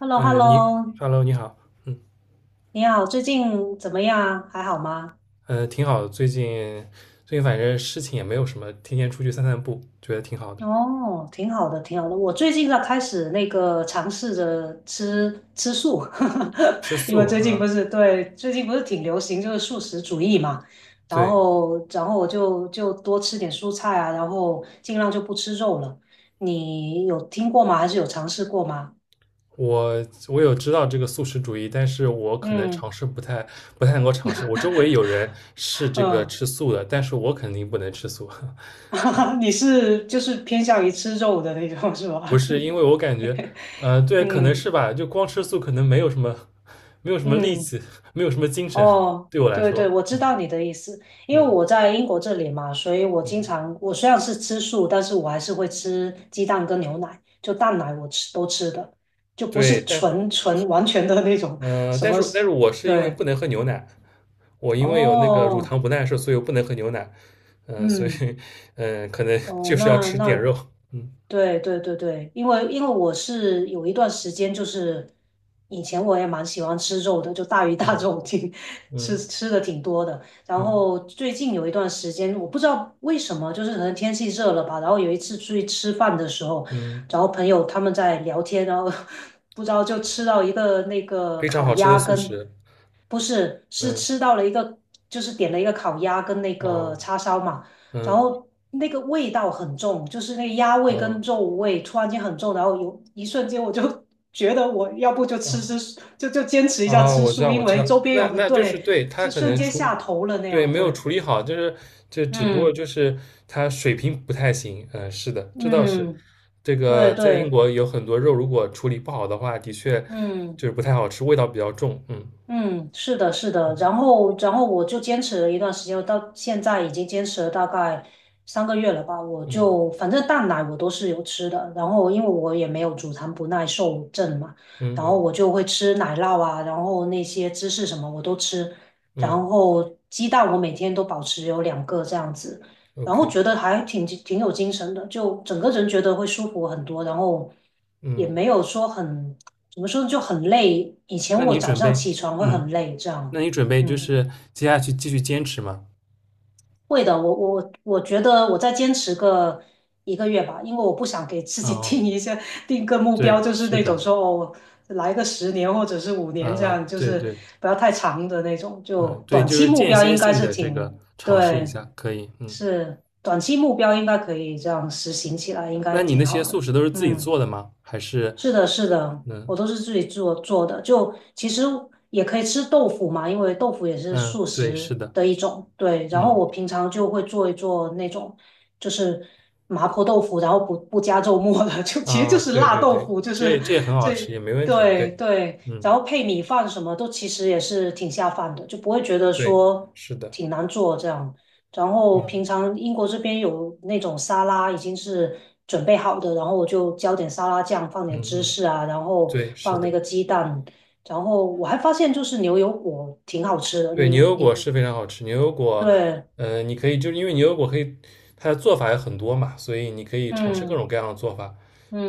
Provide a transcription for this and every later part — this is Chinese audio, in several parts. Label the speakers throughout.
Speaker 1: h e l l o h
Speaker 2: 嗯，
Speaker 1: e l l o
Speaker 2: Hello，你好，嗯，
Speaker 1: 你好，最近怎么样？还好吗？
Speaker 2: 挺好的，最近反正事情也没有什么，天天出去散散步，觉得挺好的。
Speaker 1: 哦，挺好的，挺好的。我最近在开始那个尝试着吃吃素，
Speaker 2: 吃
Speaker 1: 因为
Speaker 2: 素啊，
Speaker 1: 最近不是挺流行就是素食主义嘛。然
Speaker 2: 对，
Speaker 1: 后，然后我就多吃点蔬菜啊，然后尽量就不吃肉了。你有听过吗？还是有尝试过吗？
Speaker 2: 我有知道这个素食主义，但是我可能尝
Speaker 1: 嗯
Speaker 2: 试不太能够尝试。我周围有人是这个
Speaker 1: 嗯，
Speaker 2: 吃素的，但是我肯定不能吃素，
Speaker 1: 你是就是偏向于吃肉的那种是吧？
Speaker 2: 不是因为我感觉，对，可能
Speaker 1: 嗯
Speaker 2: 是吧，就光吃素可能没有什么力
Speaker 1: 嗯。
Speaker 2: 气，没有什么精神，
Speaker 1: 哦，
Speaker 2: 对我来
Speaker 1: 对
Speaker 2: 说，
Speaker 1: 对，我知
Speaker 2: 嗯
Speaker 1: 道你的意思，因为
Speaker 2: 嗯
Speaker 1: 我在英国这里嘛，所以我经
Speaker 2: 嗯，
Speaker 1: 常，我虽然是吃素，但是我还是会吃鸡蛋跟牛奶，就蛋奶我吃都吃的，就不
Speaker 2: 对，
Speaker 1: 是
Speaker 2: 但。
Speaker 1: 纯纯完全的那种什
Speaker 2: 但
Speaker 1: 么，
Speaker 2: 是但是我是因为
Speaker 1: 对，
Speaker 2: 不能喝牛奶，我因为有那个乳
Speaker 1: 哦，
Speaker 2: 糖不耐受，所以我不能喝牛奶。所以
Speaker 1: 嗯，
Speaker 2: 可能
Speaker 1: 哦，
Speaker 2: 就是要
Speaker 1: 那
Speaker 2: 吃点
Speaker 1: 那
Speaker 2: 肉。嗯
Speaker 1: 对对对对，因为我是有一段时间，就是以前我也蛮喜欢吃肉的，就大鱼大
Speaker 2: 嗯
Speaker 1: 肉挺 吃
Speaker 2: 嗯
Speaker 1: 吃的挺多的。然
Speaker 2: 嗯
Speaker 1: 后最近有一段时间，我不知道为什么，就是可能天气热了吧。然后有一次出去吃饭的时候，
Speaker 2: 嗯，
Speaker 1: 然后朋友他们在聊天，然后 不知道就吃到一个那个
Speaker 2: 非常
Speaker 1: 烤
Speaker 2: 好吃的
Speaker 1: 鸭
Speaker 2: 素
Speaker 1: 跟，
Speaker 2: 食。
Speaker 1: 不是，是吃
Speaker 2: 嗯
Speaker 1: 到了一个，就是点了一个烤鸭跟那个
Speaker 2: 哦
Speaker 1: 叉烧嘛。然
Speaker 2: 嗯
Speaker 1: 后那个味道很重，就是那个鸭味
Speaker 2: 哦
Speaker 1: 跟肉味突然间很重，然后有一瞬间我就 觉得我要不就
Speaker 2: 哦。
Speaker 1: 就坚持一下
Speaker 2: 哦，
Speaker 1: 吃
Speaker 2: 我知
Speaker 1: 素，
Speaker 2: 道，我
Speaker 1: 因
Speaker 2: 知
Speaker 1: 为
Speaker 2: 道，
Speaker 1: 周边
Speaker 2: 那
Speaker 1: 有很
Speaker 2: 那就是
Speaker 1: 对，
Speaker 2: 对他
Speaker 1: 就
Speaker 2: 可
Speaker 1: 瞬
Speaker 2: 能
Speaker 1: 间
Speaker 2: 处，
Speaker 1: 下头了那
Speaker 2: 对，
Speaker 1: 样，
Speaker 2: 没有
Speaker 1: 对，
Speaker 2: 处理好，就是这只不过
Speaker 1: 嗯
Speaker 2: 就是他水平不太行，嗯、是的，这倒是，
Speaker 1: 嗯，
Speaker 2: 这
Speaker 1: 对
Speaker 2: 个在英
Speaker 1: 对，
Speaker 2: 国有很多肉，如果处理不好的话，的确
Speaker 1: 嗯。
Speaker 2: 就是不太好吃，味道比较重，嗯
Speaker 1: 嗯，是的，是的，然后我就坚持了一段时间，到现在已经坚持了大概3个月了吧。我就
Speaker 2: 嗯
Speaker 1: 反正蛋奶我都是有吃的，然后因为我也没有乳糖不耐受症嘛，
Speaker 2: 嗯
Speaker 1: 然后
Speaker 2: 嗯
Speaker 1: 我就会吃奶酪啊，然后那些芝士什么我都吃，
Speaker 2: 嗯
Speaker 1: 然后鸡蛋我每天都保持有2个这样子，然后
Speaker 2: ，OK，
Speaker 1: 觉得还挺有精神的，就整个人觉得会舒服很多，然后也
Speaker 2: 嗯，
Speaker 1: 没有说很。怎么说就很累。以前
Speaker 2: 那
Speaker 1: 我
Speaker 2: 你
Speaker 1: 早
Speaker 2: 准
Speaker 1: 上
Speaker 2: 备，
Speaker 1: 起床会
Speaker 2: 嗯，
Speaker 1: 很累，这
Speaker 2: 那
Speaker 1: 样，
Speaker 2: 你准备就
Speaker 1: 嗯，
Speaker 2: 是接下去继续坚持吗？
Speaker 1: 会的。我觉得我再坚持个一个月吧，因为我不想给自己
Speaker 2: 哦，
Speaker 1: 定一些定个目标，
Speaker 2: 对，
Speaker 1: 就是
Speaker 2: 是
Speaker 1: 那种
Speaker 2: 的，
Speaker 1: 说哦，来个10年或者是5年这样，就
Speaker 2: 对
Speaker 1: 是
Speaker 2: 对，
Speaker 1: 不要太长的那种。就
Speaker 2: 嗯，对，
Speaker 1: 短
Speaker 2: 就
Speaker 1: 期
Speaker 2: 是
Speaker 1: 目
Speaker 2: 间
Speaker 1: 标
Speaker 2: 歇
Speaker 1: 应该
Speaker 2: 性
Speaker 1: 是
Speaker 2: 的这个
Speaker 1: 挺，
Speaker 2: 尝试一
Speaker 1: 对，
Speaker 2: 下，可以。嗯，
Speaker 1: 是短期目标应该可以这样实行起来，应该
Speaker 2: 那你那
Speaker 1: 挺
Speaker 2: 些
Speaker 1: 好
Speaker 2: 素
Speaker 1: 的。
Speaker 2: 食都是自己
Speaker 1: 嗯。
Speaker 2: 做的吗？还是
Speaker 1: 是的，是的，我
Speaker 2: 嗯
Speaker 1: 都是自己做做的。就其实也可以吃豆腐嘛，因为豆腐也是
Speaker 2: 嗯，
Speaker 1: 素
Speaker 2: 对，是
Speaker 1: 食
Speaker 2: 的，
Speaker 1: 的一种。对，然后
Speaker 2: 嗯
Speaker 1: 我平常就会做一做那种，就是麻婆豆腐，然后不加肉末的，就其实就
Speaker 2: 啊，
Speaker 1: 是
Speaker 2: 对
Speaker 1: 辣
Speaker 2: 对
Speaker 1: 豆
Speaker 2: 对，
Speaker 1: 腐，就
Speaker 2: 这
Speaker 1: 是
Speaker 2: 这也很好吃，
Speaker 1: 这
Speaker 2: 也没问题。
Speaker 1: 对
Speaker 2: 对，
Speaker 1: 对，
Speaker 2: 嗯，
Speaker 1: 然后配米饭什么都其实也是挺下饭的，就不会觉得
Speaker 2: 对，
Speaker 1: 说
Speaker 2: 是的，
Speaker 1: 挺难做这样。然后
Speaker 2: 嗯
Speaker 1: 平常英国这边有那种沙拉已经是准备好的，然后我就浇点沙拉酱，放
Speaker 2: 嗯
Speaker 1: 点芝
Speaker 2: 嗯，
Speaker 1: 士啊，然后
Speaker 2: 对，是
Speaker 1: 放那个
Speaker 2: 的，
Speaker 1: 鸡蛋，然后我还发现就是牛油果挺好吃的。
Speaker 2: 对，牛
Speaker 1: 你
Speaker 2: 油果
Speaker 1: 你
Speaker 2: 是非常好吃。牛油果，
Speaker 1: 对，
Speaker 2: 你可以就是因为牛油果可以，它的做法有很多嘛，所以你可以尝试各
Speaker 1: 嗯
Speaker 2: 种各样的做法，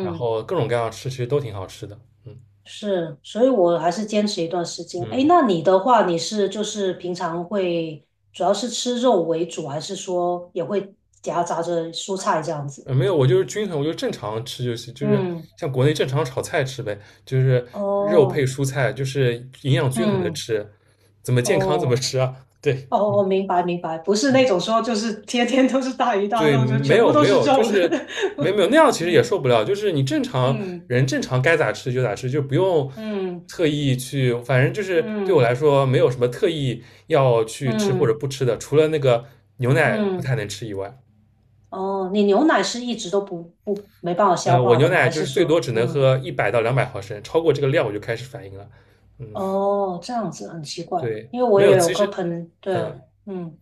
Speaker 2: 然后各种各样的吃，其实都挺好吃的。嗯
Speaker 1: 是，所以我还是坚持一段时间。哎，
Speaker 2: 嗯。
Speaker 1: 那你的话，你是就是平常会主要是吃肉为主，还是说也会夹杂着蔬菜这样子？
Speaker 2: 没有，我就是均衡，我就正常吃就行，就是
Speaker 1: 嗯，
Speaker 2: 像国内正常炒菜吃呗，就是肉配
Speaker 1: 哦，
Speaker 2: 蔬菜，就是营养均衡的
Speaker 1: 嗯。
Speaker 2: 吃，怎么健康怎么
Speaker 1: 哦，
Speaker 2: 吃啊？对，
Speaker 1: 哦哦，明白明白，不是那
Speaker 2: 嗯，
Speaker 1: 种说就是天天都是大鱼大
Speaker 2: 对，
Speaker 1: 肉，就
Speaker 2: 没
Speaker 1: 全部
Speaker 2: 有
Speaker 1: 都
Speaker 2: 没
Speaker 1: 是
Speaker 2: 有，就
Speaker 1: 肉的。
Speaker 2: 是没没 有那样其实也
Speaker 1: 嗯
Speaker 2: 受不了，就是你正常
Speaker 1: 嗯
Speaker 2: 人正常该咋吃就咋吃，就不用
Speaker 1: 嗯
Speaker 2: 特意去，反正就是对我
Speaker 1: 嗯
Speaker 2: 来说没有什么特意要去吃或者
Speaker 1: 嗯
Speaker 2: 不吃的，除了那个牛奶不太
Speaker 1: 嗯，
Speaker 2: 能吃以外，
Speaker 1: 哦，你牛奶是一直都不不没办法消
Speaker 2: 我
Speaker 1: 化
Speaker 2: 牛
Speaker 1: 的吗？
Speaker 2: 奶
Speaker 1: 还
Speaker 2: 就
Speaker 1: 是
Speaker 2: 是最多
Speaker 1: 说，
Speaker 2: 只能
Speaker 1: 嗯，
Speaker 2: 喝100到200毫升，超过这个量我就开始反应了。嗯，
Speaker 1: 哦，这样子很奇怪，
Speaker 2: 对，
Speaker 1: 因为我
Speaker 2: 没有，
Speaker 1: 也有个朋，对，
Speaker 2: 嗯，
Speaker 1: 嗯，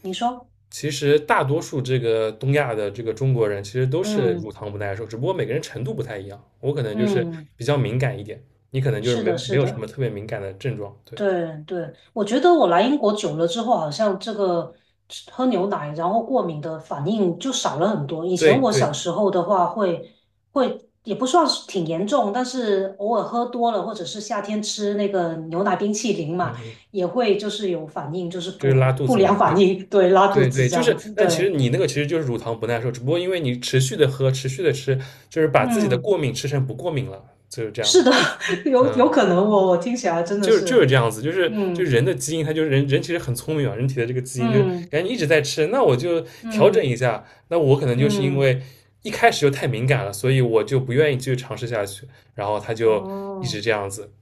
Speaker 1: 你说，
Speaker 2: 其实大多数这个东亚的这个中国人其实都是乳
Speaker 1: 嗯
Speaker 2: 糖不耐受，只不过每个人程度不太一样。我可能就是
Speaker 1: 嗯，
Speaker 2: 比较敏感一点，你可能就是
Speaker 1: 是
Speaker 2: 没
Speaker 1: 的，
Speaker 2: 没
Speaker 1: 是
Speaker 2: 有什么
Speaker 1: 的。
Speaker 2: 特别敏感的症状。对，
Speaker 1: 对对，我觉得我来英国久了之后，好像这个吃喝牛奶然后过敏的反应就少了很多。以前
Speaker 2: 对，
Speaker 1: 我
Speaker 2: 对，
Speaker 1: 小时候的话会也不算是挺严重，但是偶尔喝多了，或者是夏天吃那个牛奶冰淇淋
Speaker 2: 嗯
Speaker 1: 嘛，
Speaker 2: 嗯，
Speaker 1: 也会就是有反应，就是
Speaker 2: 就是拉肚
Speaker 1: 不
Speaker 2: 子嘛。
Speaker 1: 良
Speaker 2: 对，
Speaker 1: 反应，对，拉肚
Speaker 2: 对，
Speaker 1: 子
Speaker 2: 对，
Speaker 1: 这
Speaker 2: 就是，
Speaker 1: 样子。
Speaker 2: 但其
Speaker 1: 对，
Speaker 2: 实你那个其实就是乳糖不耐受，只不过因为你持续的喝，持续的吃，就是把自己的过
Speaker 1: 嗯，
Speaker 2: 敏吃成不过敏了，就是这样
Speaker 1: 是
Speaker 2: 子。
Speaker 1: 的，有
Speaker 2: 嗯。
Speaker 1: 可能我听起来真的
Speaker 2: 就是
Speaker 1: 是，
Speaker 2: 这样子，就是
Speaker 1: 嗯
Speaker 2: 人的基因，它就是人人其实很聪明啊，人体的这个基因就是
Speaker 1: 嗯
Speaker 2: 感觉一直在吃，那我就调整
Speaker 1: 嗯
Speaker 2: 一下，那我可能就是因
Speaker 1: 嗯，
Speaker 2: 为一开始就太敏感了，所以我就不愿意继续尝试下去，然后它就一直
Speaker 1: 哦。
Speaker 2: 这样子，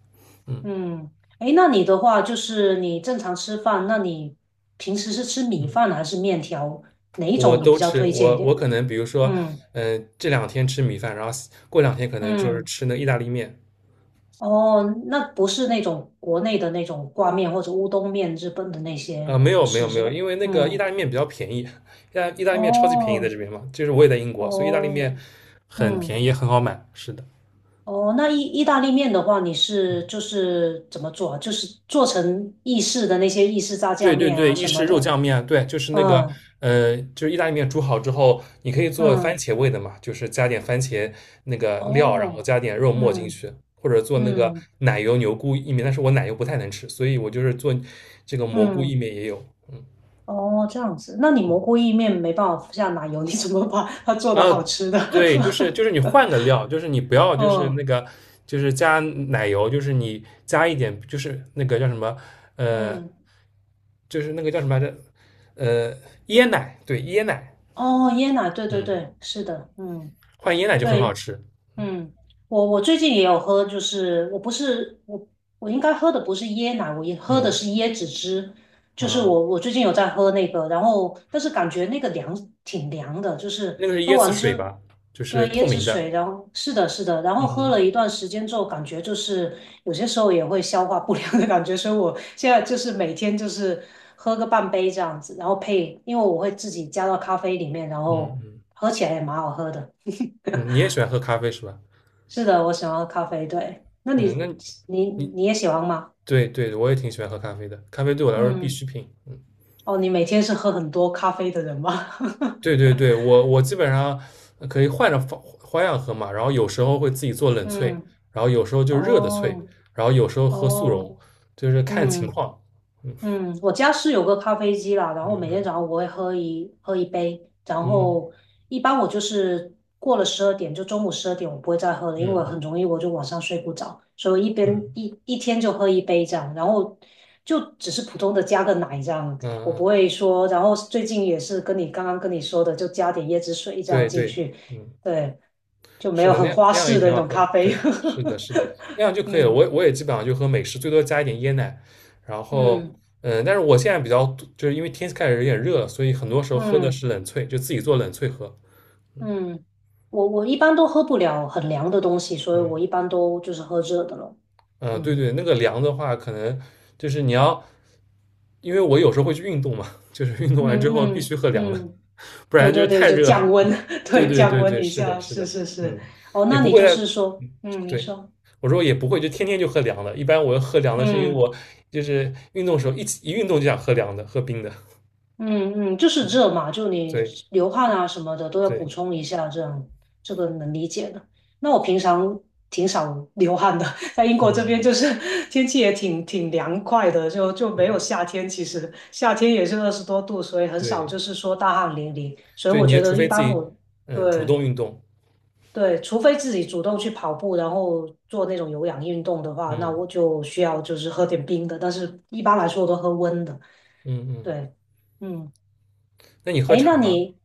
Speaker 2: 嗯
Speaker 1: 嗯，诶，那你的话就是你正常吃饭，那你平时是吃米
Speaker 2: 嗯，
Speaker 1: 饭还是面条？哪一
Speaker 2: 我
Speaker 1: 种你比
Speaker 2: 都
Speaker 1: 较
Speaker 2: 吃，
Speaker 1: 推荐一
Speaker 2: 我
Speaker 1: 点？
Speaker 2: 可能比如说，
Speaker 1: 嗯
Speaker 2: 这两天吃米饭，然后过两天可能就是
Speaker 1: 嗯，
Speaker 2: 吃那个意大利面，
Speaker 1: 哦，那不是那种国内的那种挂面或者乌冬面，日本的那
Speaker 2: 啊、
Speaker 1: 些
Speaker 2: 没
Speaker 1: 不
Speaker 2: 有没有
Speaker 1: 是
Speaker 2: 没
Speaker 1: 是
Speaker 2: 有，
Speaker 1: 吧？
Speaker 2: 因为那个意
Speaker 1: 嗯，
Speaker 2: 大利面比较便宜，意大利面超级便宜在
Speaker 1: 哦
Speaker 2: 这边嘛，就是我也在英国，所以意大利
Speaker 1: 哦，
Speaker 2: 面很
Speaker 1: 嗯
Speaker 2: 便宜，也很好买，是的。
Speaker 1: 哦，那意大利面的话，你是就是怎么做啊就是做成意式的那些意式炸
Speaker 2: 对
Speaker 1: 酱
Speaker 2: 对
Speaker 1: 面
Speaker 2: 对，
Speaker 1: 啊
Speaker 2: 意
Speaker 1: 什
Speaker 2: 式
Speaker 1: 么
Speaker 2: 肉
Speaker 1: 的。
Speaker 2: 酱面，对，就是那个，
Speaker 1: 嗯
Speaker 2: 就是意大利面煮好之后，你可以做番
Speaker 1: 嗯，
Speaker 2: 茄味的嘛，就是加点番茄那个料，然后
Speaker 1: 哦。
Speaker 2: 加点肉末进
Speaker 1: 嗯。
Speaker 2: 去，或者做那个
Speaker 1: 嗯
Speaker 2: 奶油牛菇意面，但是我奶油不太能吃，所以我就是做这个蘑菇意
Speaker 1: 嗯，
Speaker 2: 面也有，嗯，
Speaker 1: 哦，这样子，那你蘑菇意面没办法下奶油，你怎么把它做
Speaker 2: 然
Speaker 1: 的
Speaker 2: 后
Speaker 1: 好吃的？
Speaker 2: 对，就是你 换个料，就是你不要就是
Speaker 1: 嗯
Speaker 2: 那个就是加奶油，就是你加一点就是那个叫什么，呃，
Speaker 1: 嗯，
Speaker 2: 就是那个叫什么来着，呃，椰奶，对，椰奶。
Speaker 1: 哦，椰奶，对对
Speaker 2: 嗯。
Speaker 1: 对，是的，嗯，
Speaker 2: 换椰奶就很好
Speaker 1: 对，
Speaker 2: 吃。
Speaker 1: 嗯，我最近也有喝，就是我应该喝的不是椰奶，我也喝的
Speaker 2: 嗯
Speaker 1: 是椰子汁，就是
Speaker 2: 啊，
Speaker 1: 我最近有在喝那个，然后但是感觉那个凉挺凉的，就是
Speaker 2: 那个是
Speaker 1: 喝
Speaker 2: 椰子
Speaker 1: 完
Speaker 2: 水
Speaker 1: 之
Speaker 2: 吧，就是
Speaker 1: 对
Speaker 2: 透
Speaker 1: 椰子
Speaker 2: 明的。
Speaker 1: 水，然后是的是的，然
Speaker 2: 嗯
Speaker 1: 后喝
Speaker 2: 嗯
Speaker 1: 了一段时间之后，感觉就是有些时候也会消化不良的感觉，所以我现在就是每天就是喝个半杯这样子，然后配，因为我会自己加到咖啡里面，然
Speaker 2: 嗯
Speaker 1: 后
Speaker 2: 嗯
Speaker 1: 喝起来也蛮好喝的。
Speaker 2: 嗯，你也喜欢喝咖啡是吧？
Speaker 1: 是的，我喜欢喝咖啡。对，那
Speaker 2: 嗯，
Speaker 1: 你你
Speaker 2: 你
Speaker 1: 你也喜欢吗？
Speaker 2: 对对，我也挺喜欢喝咖啡的，咖啡对我来说是必
Speaker 1: 嗯，
Speaker 2: 需品。嗯，
Speaker 1: 哦，你每天是喝很多咖啡的人吗？
Speaker 2: 对对对，我基本上可以换着方花样喝嘛，然后有时候会自己做冷萃，
Speaker 1: 嗯，
Speaker 2: 然后有时候就热的萃，
Speaker 1: 哦
Speaker 2: 然后有时候喝速
Speaker 1: 哦，
Speaker 2: 溶，就是看情
Speaker 1: 嗯，
Speaker 2: 况。嗯
Speaker 1: 嗯，我家是有个咖啡机啦，然
Speaker 2: 嗯
Speaker 1: 后每天
Speaker 2: 嗯
Speaker 1: 早上我会喝一杯，然
Speaker 2: 嗯
Speaker 1: 后一般我就是过了十二点，就中午十二点我不会再喝了，因为
Speaker 2: 嗯
Speaker 1: 很
Speaker 2: 嗯
Speaker 1: 容易我就晚上睡不着，所以一边
Speaker 2: 嗯
Speaker 1: 一一天就喝一杯这样，然后就只是普通的加个奶这样，
Speaker 2: 嗯
Speaker 1: 我不
Speaker 2: 嗯，
Speaker 1: 会说，然后最近也是跟你刚刚跟你说的，就加点椰子水这样
Speaker 2: 对
Speaker 1: 进
Speaker 2: 对，
Speaker 1: 去，
Speaker 2: 嗯。
Speaker 1: 对，就没
Speaker 2: 是
Speaker 1: 有
Speaker 2: 的，那
Speaker 1: 很
Speaker 2: 样
Speaker 1: 花
Speaker 2: 那样也
Speaker 1: 式的
Speaker 2: 挺
Speaker 1: 那
Speaker 2: 好
Speaker 1: 种
Speaker 2: 喝。
Speaker 1: 咖啡，
Speaker 2: 对，是的，是的，那样就 可以了。
Speaker 1: 嗯
Speaker 2: 我也基本上就喝美式，最多加一点椰奶。然后，
Speaker 1: 嗯
Speaker 2: 但是我现在比较多就是因为天气开始有点热了，所以很多时候喝的
Speaker 1: 嗯。
Speaker 2: 是冷萃，就自己做冷萃喝。
Speaker 1: 嗯，我一般都喝不了很凉的东西，所以
Speaker 2: 嗯
Speaker 1: 我一般都就是喝热的了。
Speaker 2: 嗯，对
Speaker 1: 嗯
Speaker 2: 对，那个凉的话，可能就是你要，因为我有时候会去运动嘛，就是运动完
Speaker 1: 嗯
Speaker 2: 之后必须
Speaker 1: 嗯
Speaker 2: 喝凉的，
Speaker 1: 嗯，
Speaker 2: 不
Speaker 1: 对
Speaker 2: 然就是
Speaker 1: 对对，
Speaker 2: 太
Speaker 1: 就
Speaker 2: 热了
Speaker 1: 降温，
Speaker 2: 对
Speaker 1: 对，
Speaker 2: 对
Speaker 1: 降
Speaker 2: 对
Speaker 1: 温
Speaker 2: 对，
Speaker 1: 一
Speaker 2: 是的，
Speaker 1: 下，
Speaker 2: 是
Speaker 1: 是
Speaker 2: 的，
Speaker 1: 是是。
Speaker 2: 嗯，
Speaker 1: 哦，
Speaker 2: 也
Speaker 1: 那
Speaker 2: 不
Speaker 1: 你
Speaker 2: 会
Speaker 1: 就
Speaker 2: 在
Speaker 1: 是说，嗯，您
Speaker 2: 对，
Speaker 1: 说，
Speaker 2: 我说我也不会，就天天就喝凉的。一般我喝凉的是因为
Speaker 1: 嗯。
Speaker 2: 我就是运动的时候一起一运动就想喝凉的，喝冰的。
Speaker 1: 嗯嗯，就是热嘛，就你
Speaker 2: 对
Speaker 1: 流汗啊什么的都要补
Speaker 2: 对，
Speaker 1: 充一下，这样这个能理解的。那我平常挺少流汗的，在英国这边
Speaker 2: 嗯，
Speaker 1: 就是 天气也挺凉快的，就没有
Speaker 2: 对
Speaker 1: 夏天。其实夏天也是20多度，所以很少
Speaker 2: 对
Speaker 1: 就是说大汗淋漓。所以
Speaker 2: 对，
Speaker 1: 我
Speaker 2: 你也
Speaker 1: 觉
Speaker 2: 除
Speaker 1: 得一
Speaker 2: 非自
Speaker 1: 般
Speaker 2: 己
Speaker 1: 我
Speaker 2: 主
Speaker 1: 对
Speaker 2: 动运动，
Speaker 1: 对，除非自己主动去跑步，然后做那种有氧运动的话，那
Speaker 2: 嗯
Speaker 1: 我就需要就是喝点冰的，但是一般来说我都喝温的。
Speaker 2: 嗯嗯。
Speaker 1: 对，嗯。
Speaker 2: 那你喝
Speaker 1: 哎，那
Speaker 2: 茶吗？
Speaker 1: 你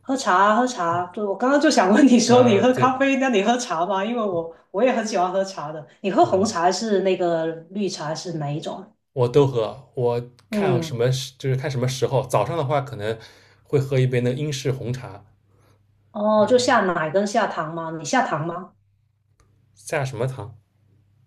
Speaker 1: 喝茶啊喝茶啊，对，我刚刚就想问你说
Speaker 2: 啊，
Speaker 1: 你喝
Speaker 2: 对，
Speaker 1: 咖啡，那你喝茶吗？因为我也很喜欢喝茶的。你喝红
Speaker 2: 嗯
Speaker 1: 茶还是那个绿茶还是哪一种啊
Speaker 2: 我都喝。我看什
Speaker 1: 嗯，
Speaker 2: 么时就是看什么时候，早上的话可能会喝一杯那个英式红茶，
Speaker 1: 哦，
Speaker 2: 然
Speaker 1: 就
Speaker 2: 后
Speaker 1: 下奶跟下糖吗？你下糖吗？
Speaker 2: 下什么糖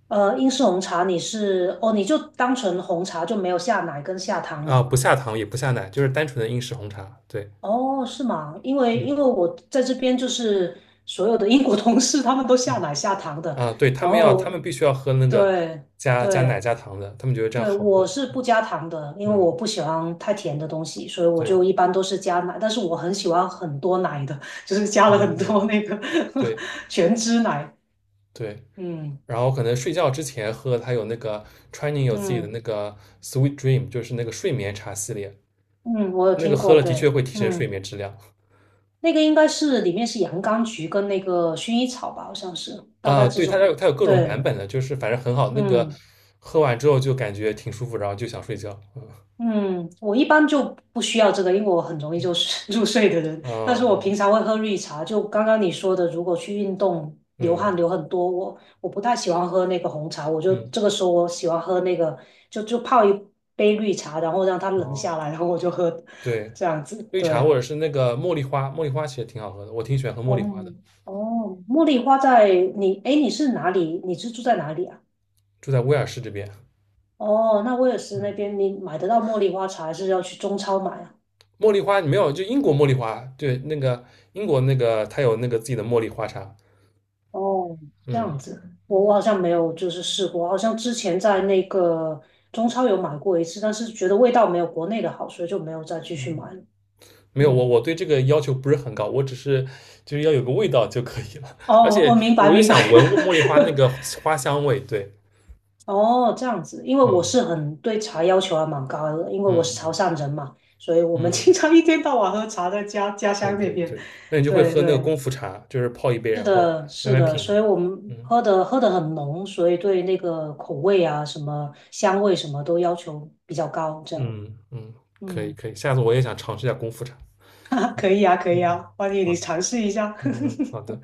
Speaker 1: 英式红茶你是哦，你就单纯红茶就没有下奶跟下糖
Speaker 2: 啊？
Speaker 1: 吗？
Speaker 2: 不下糖也不下奶，就是单纯的英式红茶。对，
Speaker 1: 哦，是吗？因为
Speaker 2: 嗯
Speaker 1: 因为我在这边就是所有的英国同事他们都下
Speaker 2: 嗯。
Speaker 1: 奶下糖的，
Speaker 2: 啊，对，
Speaker 1: 然
Speaker 2: 他
Speaker 1: 后
Speaker 2: 们必须要喝那个
Speaker 1: 对
Speaker 2: 加奶
Speaker 1: 对。
Speaker 2: 加糖的，他们觉得这样
Speaker 1: 对，
Speaker 2: 好喝。
Speaker 1: 我是不加糖的，因为
Speaker 2: 嗯，
Speaker 1: 我不喜欢太甜的东西，所以我
Speaker 2: 对，
Speaker 1: 就一般都是加奶。但是我很喜欢很多奶的，就是加
Speaker 2: 嗯
Speaker 1: 了很
Speaker 2: 嗯，
Speaker 1: 多那个
Speaker 2: 对
Speaker 1: 全脂奶。
Speaker 2: 对。
Speaker 1: 嗯
Speaker 2: 然后可能睡觉之前喝，它有那个川宁有自己的
Speaker 1: 嗯
Speaker 2: 那个 Sweet Dream，就是那个睡眠茶系列，
Speaker 1: 嗯，我有
Speaker 2: 那个
Speaker 1: 听
Speaker 2: 喝
Speaker 1: 过，
Speaker 2: 了的确
Speaker 1: 对，
Speaker 2: 会提升睡
Speaker 1: 嗯，
Speaker 2: 眠质量。
Speaker 1: 那个应该是里面是洋甘菊跟那个薰衣草吧，好像是，大概
Speaker 2: 啊，
Speaker 1: 这
Speaker 2: 对，它
Speaker 1: 种。
Speaker 2: 有它有各种
Speaker 1: 对，
Speaker 2: 版本的，就是反正很好，那个
Speaker 1: 嗯。
Speaker 2: 喝完之后就感觉挺舒服，然后就想睡觉。嗯
Speaker 1: 嗯，我一般就不需要这个，因为我很容易就是 入睡的人。但是我
Speaker 2: 嗯
Speaker 1: 平常会喝绿茶，就刚刚你说的，如果去运动流
Speaker 2: 嗯
Speaker 1: 汗流很多，我不太喜欢喝那个红茶，我就
Speaker 2: 嗯
Speaker 1: 这个时候我喜欢喝那个，就泡一杯绿茶，然后让它冷
Speaker 2: 哦，
Speaker 1: 下来，然后我就喝，
Speaker 2: 对，
Speaker 1: 这样子。
Speaker 2: 绿茶或
Speaker 1: 对，
Speaker 2: 者是那个茉莉花，茉莉花其实挺好喝的，我挺喜欢喝茉莉花的。
Speaker 1: 哦哦，茉莉花在你，哎，你是哪里？你是住在哪里啊？
Speaker 2: 住在威尔士这边。
Speaker 1: 哦，那威尔斯那
Speaker 2: 嗯，
Speaker 1: 边你买得到茉莉花茶，还是要去中超买啊？
Speaker 2: 茉莉花你没有，就英国茉莉花，对，那个英国那个它有那个自己的茉莉花茶。
Speaker 1: 哦，这
Speaker 2: 嗯，
Speaker 1: 样子，我好像没有就是试过，好像之前在那个中超有买过一次，但是觉得味道没有国内的好，所以就没有再继续
Speaker 2: 嗯，
Speaker 1: 买了。
Speaker 2: 没有，我
Speaker 1: 嗯，
Speaker 2: 我对这个要求不是很高，我只是就是要有个味道就可以了。而
Speaker 1: 哦，
Speaker 2: 且
Speaker 1: 我明白
Speaker 2: 我就
Speaker 1: 明白。
Speaker 2: 想闻茉莉花那 个花香味，对，
Speaker 1: 哦，这样子，因为我是
Speaker 2: 嗯
Speaker 1: 很对茶要求还蛮高的，因为我是
Speaker 2: 嗯
Speaker 1: 潮汕人嘛，所以我们
Speaker 2: 嗯，嗯，
Speaker 1: 经常一天到晚喝茶，在家
Speaker 2: 对
Speaker 1: 乡那
Speaker 2: 对
Speaker 1: 边。
Speaker 2: 对，那你就会
Speaker 1: 对
Speaker 2: 喝那个
Speaker 1: 对，
Speaker 2: 功夫茶，就是泡一杯，
Speaker 1: 是
Speaker 2: 然后
Speaker 1: 的，
Speaker 2: 慢
Speaker 1: 是
Speaker 2: 慢
Speaker 1: 的，
Speaker 2: 品。
Speaker 1: 所以我们
Speaker 2: 嗯
Speaker 1: 喝的很浓，所以对那个口味啊、什么香味什么都要求比较高，这样。
Speaker 2: 嗯嗯，可以
Speaker 1: 嗯，
Speaker 2: 可以，下次我也想尝试一下功夫茶。
Speaker 1: 啊，可以啊，可
Speaker 2: 嗯，
Speaker 1: 以
Speaker 2: 嗯，
Speaker 1: 啊，欢迎你
Speaker 2: 好，
Speaker 1: 尝试一下。
Speaker 2: 嗯好的。